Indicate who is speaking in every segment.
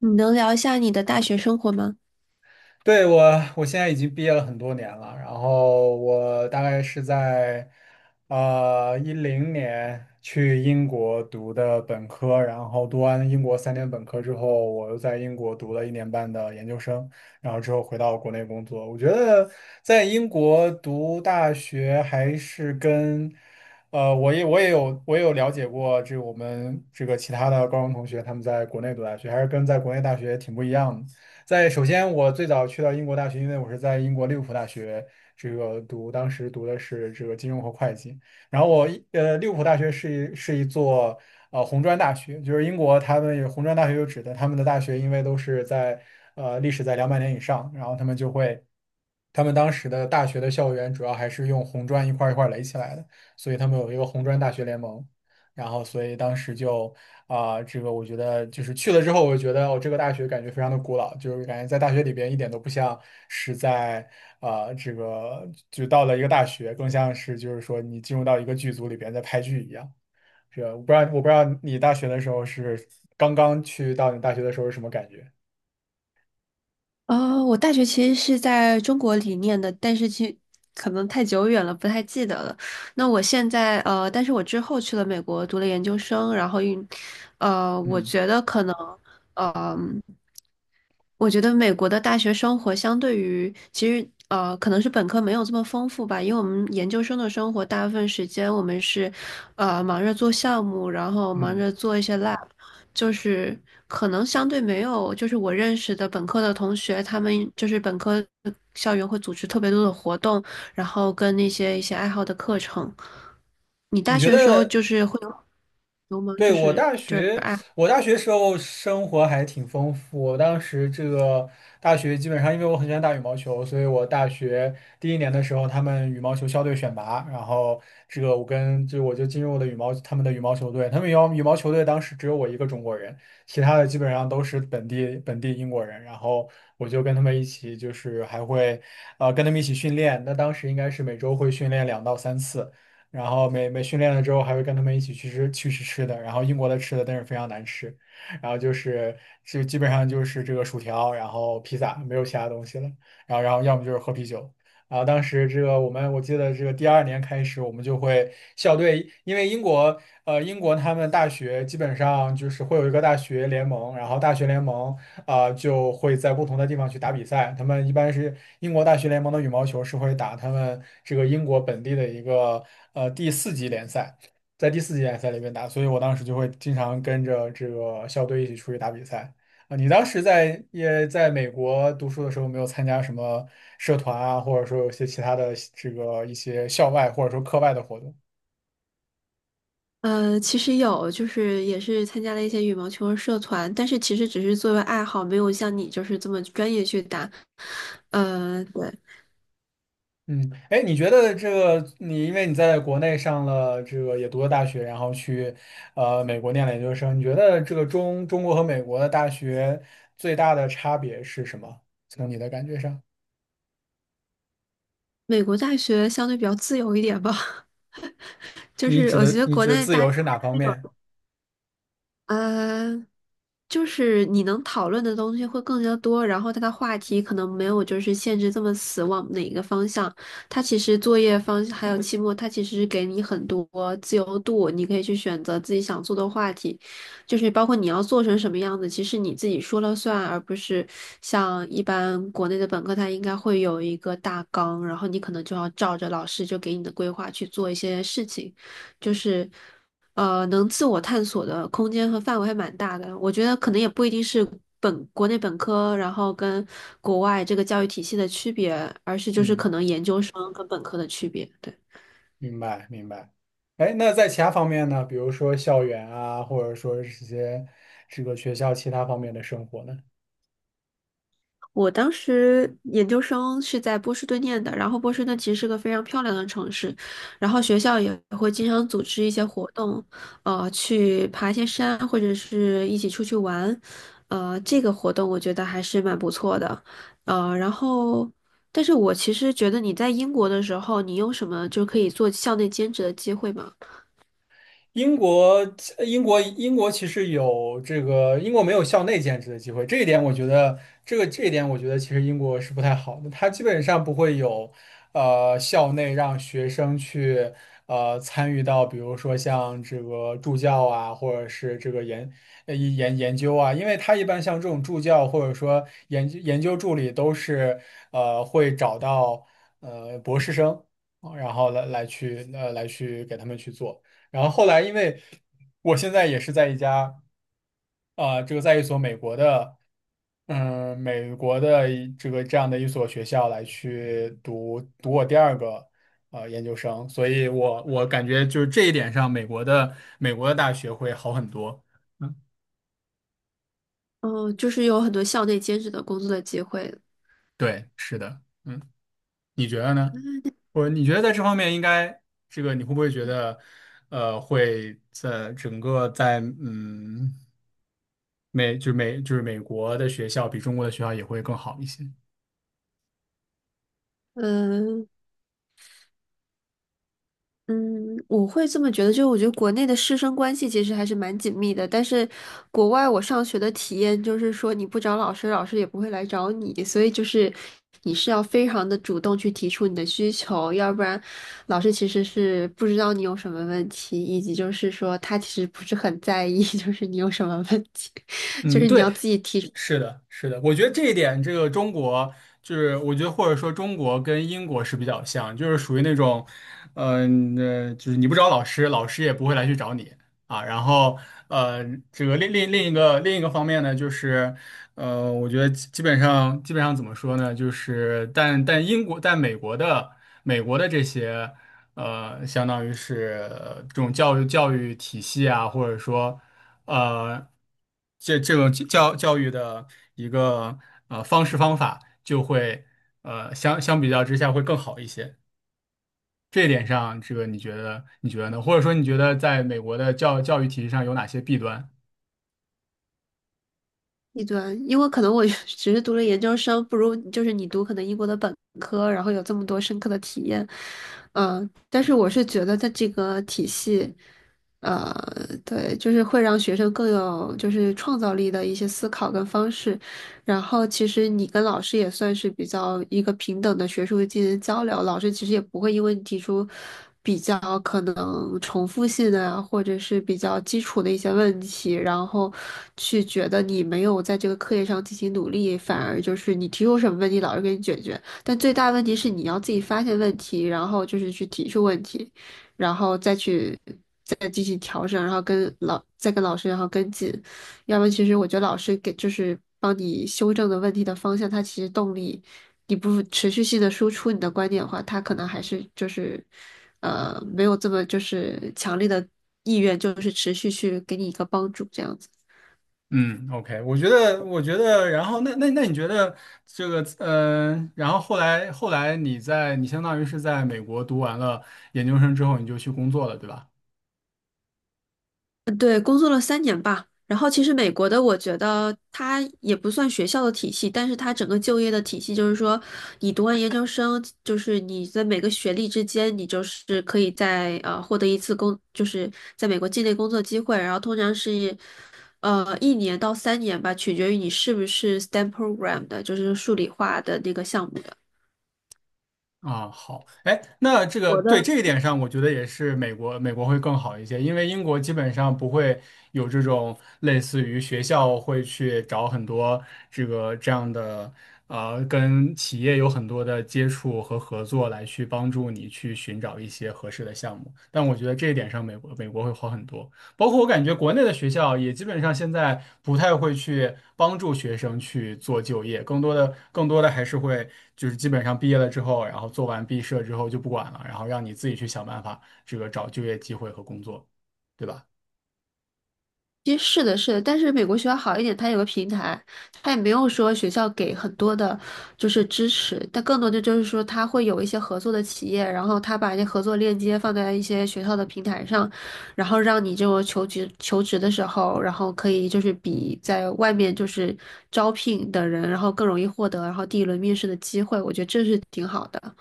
Speaker 1: 你能聊一下你的大学生活吗？
Speaker 2: 对，我现在已经毕业了很多年了，然后我大概是在2010年去英国读的本科，然后读完英国3年本科之后，我又在英国读了1年半的研究生，然后之后回到国内工作。我觉得在英国读大学还是跟我也有了解过，这个我们这个其他的高中同学他们在国内读大学，还是跟在国内大学挺不一样的。首先，我最早去到英国大学，因为我是在英国利物浦大学这个读，当时读的是这个金融和会计。然后利物浦大学是一座红砖大学，就是英国他们有红砖大学就指的他们的大学，因为都是在历史在200年以上，然后他们就会。他们当时的大学的校园主要还是用红砖一块儿一块儿垒起来的，所以他们有一个红砖大学联盟。然后所以当时就这个我觉得就是去了之后，我觉得我这个大学感觉非常的古老，就是感觉在大学里边一点都不像是在啊、这个就到了一个大学，更像是就是说你进入到一个剧组里边在拍剧一样。是啊，我不知道你大学的时候是刚刚去到你大学的时候是什么感觉？
Speaker 1: 哦，我大学其实是在中国里念的，但是可能太久远了，不太记得了。那我现在但是我之后去了美国读了研究生，然后运呃，我
Speaker 2: 嗯
Speaker 1: 觉得可能。嗯。我觉得美国的大学生活相对于可能是本科没有这么丰富吧，因为我们研究生的生活大部分时间我们是忙着做项目，然后忙
Speaker 2: 嗯，
Speaker 1: 着做一些 lab,就是可能相对没有就是我认识的本科的同学，他们就是本科校园会组织特别多的活动，然后跟那些一些爱好的课程。你
Speaker 2: 你
Speaker 1: 大
Speaker 2: 觉
Speaker 1: 学的时候
Speaker 2: 得
Speaker 1: 就是会有有吗？就
Speaker 2: 对，
Speaker 1: 是就是爱。
Speaker 2: 我大学时候生活还挺丰富。我当时这个大学基本上，因为我很喜欢打羽毛球，所以我大学第一年的时候，他们羽毛球校队选拔，然后这个我就进入了他们的羽毛球队。他们羽毛球队当时只有我一个中国人，其他的基本上都是本地英国人。然后我就跟他们一起，就是还会跟他们一起训练。那当时应该是每周会训练2到3次。然后每训练了之后，还会跟他们一起去吃吃的。然后英国的吃的但是非常难吃，然后就是就基本上就是这个薯条，然后披萨，没有其他东西了。然后要么就是喝啤酒。然后当时这个我记得这个第二年开始，我们就会校队，因为英国他们大学基本上就是会有一个大学联盟，然后大学联盟。就会在不同的地方去打比赛。他们一般是英国大学联盟的羽毛球是会打他们这个英国本地的一个第四级联赛，在第四级联赛里面打，所以我当时就会经常跟着这个校队一起出去打比赛。啊，你当时也在美国读书的时候，有没有参加什么社团啊，或者说有些其他的这个一些校外或者说课外的活动？
Speaker 1: 呃，其实有，就是也是参加了一些羽毛球社团，但是其实只是作为爱好，没有像你就是这么专业去打。呃，对，
Speaker 2: 嗯，哎，你觉得这个你因为你在国内上了这个也读了大学，然后去美国念了研究生，你觉得这个中国和美国的大学最大的差别是什么？从你的感觉上，
Speaker 1: 美国大学相对比较自由一点吧，就是我觉得
Speaker 2: 你
Speaker 1: 国
Speaker 2: 指的
Speaker 1: 内
Speaker 2: 自
Speaker 1: 大
Speaker 2: 由是哪方面？
Speaker 1: 呃，就是你能讨论的东西会更加多，然后它的话题可能没有就是限制这么死往哪一个方向。它其实作业方还有期末，它其实给你很多自由度，你可以去选择自己想做的话题，就是包括你要做成什么样子，其实你自己说了算，而不是像一般国内的本科，它应该会有一个大纲，然后你可能就要照着老师就给你的规划去做一些事情，就是。呃，能自我探索的空间和范围还蛮大的。我觉得可能也不一定是本国内本科，然后跟国外这个教育体系的区别，而是就是可
Speaker 2: 嗯，
Speaker 1: 能研究生跟本科的区别。对。
Speaker 2: 明白明白。哎，那在其他方面呢？比如说校园啊，或者说是这些这个学校其他方面的生活呢？
Speaker 1: 我当时研究生是在波士顿念的，然后波士顿其实是个非常漂亮的城市，然后学校也会经常组织一些活动，去爬一些山或者是一起出去玩，这个活动我觉得还是蛮不错的，呃，然后，但是我其实觉得你在英国的时候，你有什么就可以做校内兼职的机会吗？
Speaker 2: 英国，英国其实有这个，英国没有校内兼职的机会，这一点我觉得其实英国是不太好的，它基本上不会有，校内让学生去，参与到比如说像这个助教啊，或者是这个研究啊，因为它一般像这种助教或者说研究助理都是，会找到博士生，然后来去给他们去做。然后后来，因为我现在也是在一家啊，这个在一所美国的，嗯，美国的一这个这样的一所学校来去读我第二个研究生，所以我感觉就是这一点上，美国的大学会好很多。嗯，
Speaker 1: 嗯、就是有很多校内兼职的工作的机会，
Speaker 2: 对，是的，嗯，你觉得呢？你觉得在这方面应该这个你会不会觉得会在整个在嗯？美就是美就是美国的学校比中国的学校也会更好一些。
Speaker 1: 嗯、嗯，我会这么觉得，就是我觉得国内的师生关系其实还是蛮紧密的，但是国外我上学的体验就是说，你不找老师，老师也不会来找你，所以就是你是要非常的主动去提出你的需求，要不然老师其实是不知道你有什么问题，以及就是说他其实不是很在意，就是你有什么问题，就
Speaker 2: 嗯、
Speaker 1: 是你要
Speaker 2: 对，
Speaker 1: 自己提出
Speaker 2: 是的，是的，我觉得这一点，这个中国就是，我觉得或者说中国跟英国是比较像，就是属于那种，就是你不找老师，老师也不会来去找你啊。然后，呃，这个另一个方面呢，就是，我觉得基本上怎么说呢，就是但美国的这些。相当于是这种教育体系啊，或者说呃，这种教育的一个方式方法，就会相比较之下会更好一些。这一点上，这个你觉得呢？或者说你觉得在美国的教育体系上有哪些弊端？
Speaker 1: 一端，因为可能我 只是读了研究生，不如就是你读可能英国的本科，然后有这么多深刻的体验，嗯、但是我是觉得它这个体系，呃，对，就是会让学生更有就是创造力的一些思考跟方式，然后其实你跟老师也算是比较一个平等的学术进行交流，老师其实也不会因为你提出比较可能重复性的啊，或者是比较基础的一些问题，然后去觉得你没有在这个课业上进行努力，反而就是你提出什么问题，老师给你解决。但最大问题是你要自己发现问题，然后就是去提出问题，然后再进行调整，然后跟老师然后跟进。要不其实我觉得老师给就是帮你修正的问题的方向，他其实动力，你不持续性的输出你的观点的话，他可能还是就是没有这么就是强烈的意愿，就是持续去给你一个帮助这样子。
Speaker 2: 嗯，OK,我觉得，然后那你觉得这个，然后后来你相当于是在美国读完了研究生之后，你就去工作了，对吧？
Speaker 1: 对，工作了三年吧。然后其实美国的，我觉得它也不算学校的体系，但是它整个就业的体系就是说，你读完研究生，就是你在每个学历之间，你就是可以在获得一次工，就是在美国境内工作机会。然后通常是一年到三年吧，取决于你是不是 STEM program 的，就是数理化的那个项目的。
Speaker 2: 啊，好，哎，那这个
Speaker 1: 我
Speaker 2: 对
Speaker 1: 的。
Speaker 2: 这一点上，我觉得也是美国会更好一些，因为英国基本上不会有这种类似于学校会去找很多这个这样的，跟企业有很多的接触和合作来去帮助你去寻找一些合适的项目，但我觉得这一点上美国会好很多。包括我感觉国内的学校也基本上现在不太会去帮助学生去做就业，更多的还是会就是基本上毕业了之后，然后做完毕设之后就不管了，然后让你自己去想办法这个找就业机会和工作，对吧？
Speaker 1: 其实是的，是的，但是美国学校好一点，它有个平台，它也没有说学校给很多的，就是支持，但更多的就是说，它会有一些合作的企业，然后他把一些合作链接放在一些学校的平台上，然后让你这种求职的时候，然后可以就是比在外面就是招聘的人，然后更容易获得，然后第一轮面试的机会，我觉得这是挺好的。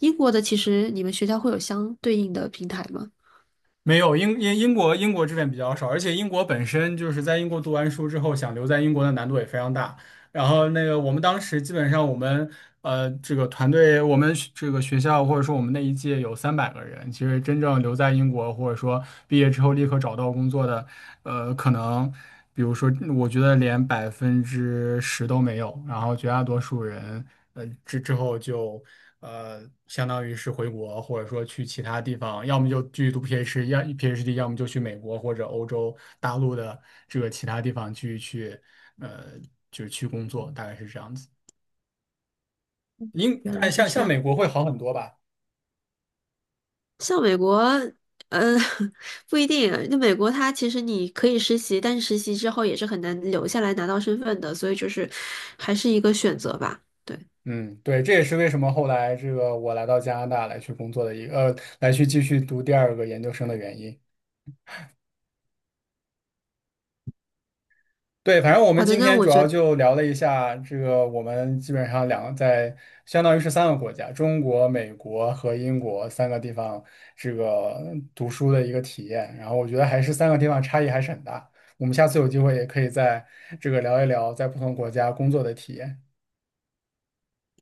Speaker 1: 英国的其实你们学校会有相对应的平台吗？
Speaker 2: 没有，英国这边比较少，而且英国本身就是在英国读完书之后想留在英国的难度也非常大。然后那个我们当时基本上这个团队，我们这个学校或者说我们那一届有300个人，其实真正留在英国或者说毕业之后立刻找到工作的，可能比如说我觉得连10%都没有，然后绝大多数人之后就。呃，相当于是回国，或者说去其他地方，要么就继续读 PhD,要么就去美国或者欧洲大陆的这个其他地方去。呃，就是去工作，大概是这样子。
Speaker 1: 原来
Speaker 2: 哎，
Speaker 1: 是这
Speaker 2: 像美
Speaker 1: 样。
Speaker 2: 国会好很多吧？
Speaker 1: 像美国，呃，不一定。那美国它其实你可以实习，但是实习之后也是很难留下来拿到身份的，所以就是还是一个选择吧。对，
Speaker 2: 嗯，对，这也是为什么后来这个我来到加拿大来去工作的一个，来去继续读第二个研究生的原因。对，反正我们
Speaker 1: 好的，
Speaker 2: 今
Speaker 1: 那
Speaker 2: 天
Speaker 1: 我
Speaker 2: 主
Speaker 1: 觉
Speaker 2: 要
Speaker 1: 得。
Speaker 2: 就聊了一下这个，我们基本上两个在相当于是三个国家，中国、美国和英国三个地方这个读书的一个体验。然后我觉得还是三个地方差异还是很大。我们下次有机会也可以在这个聊一聊在不同国家工作的体验。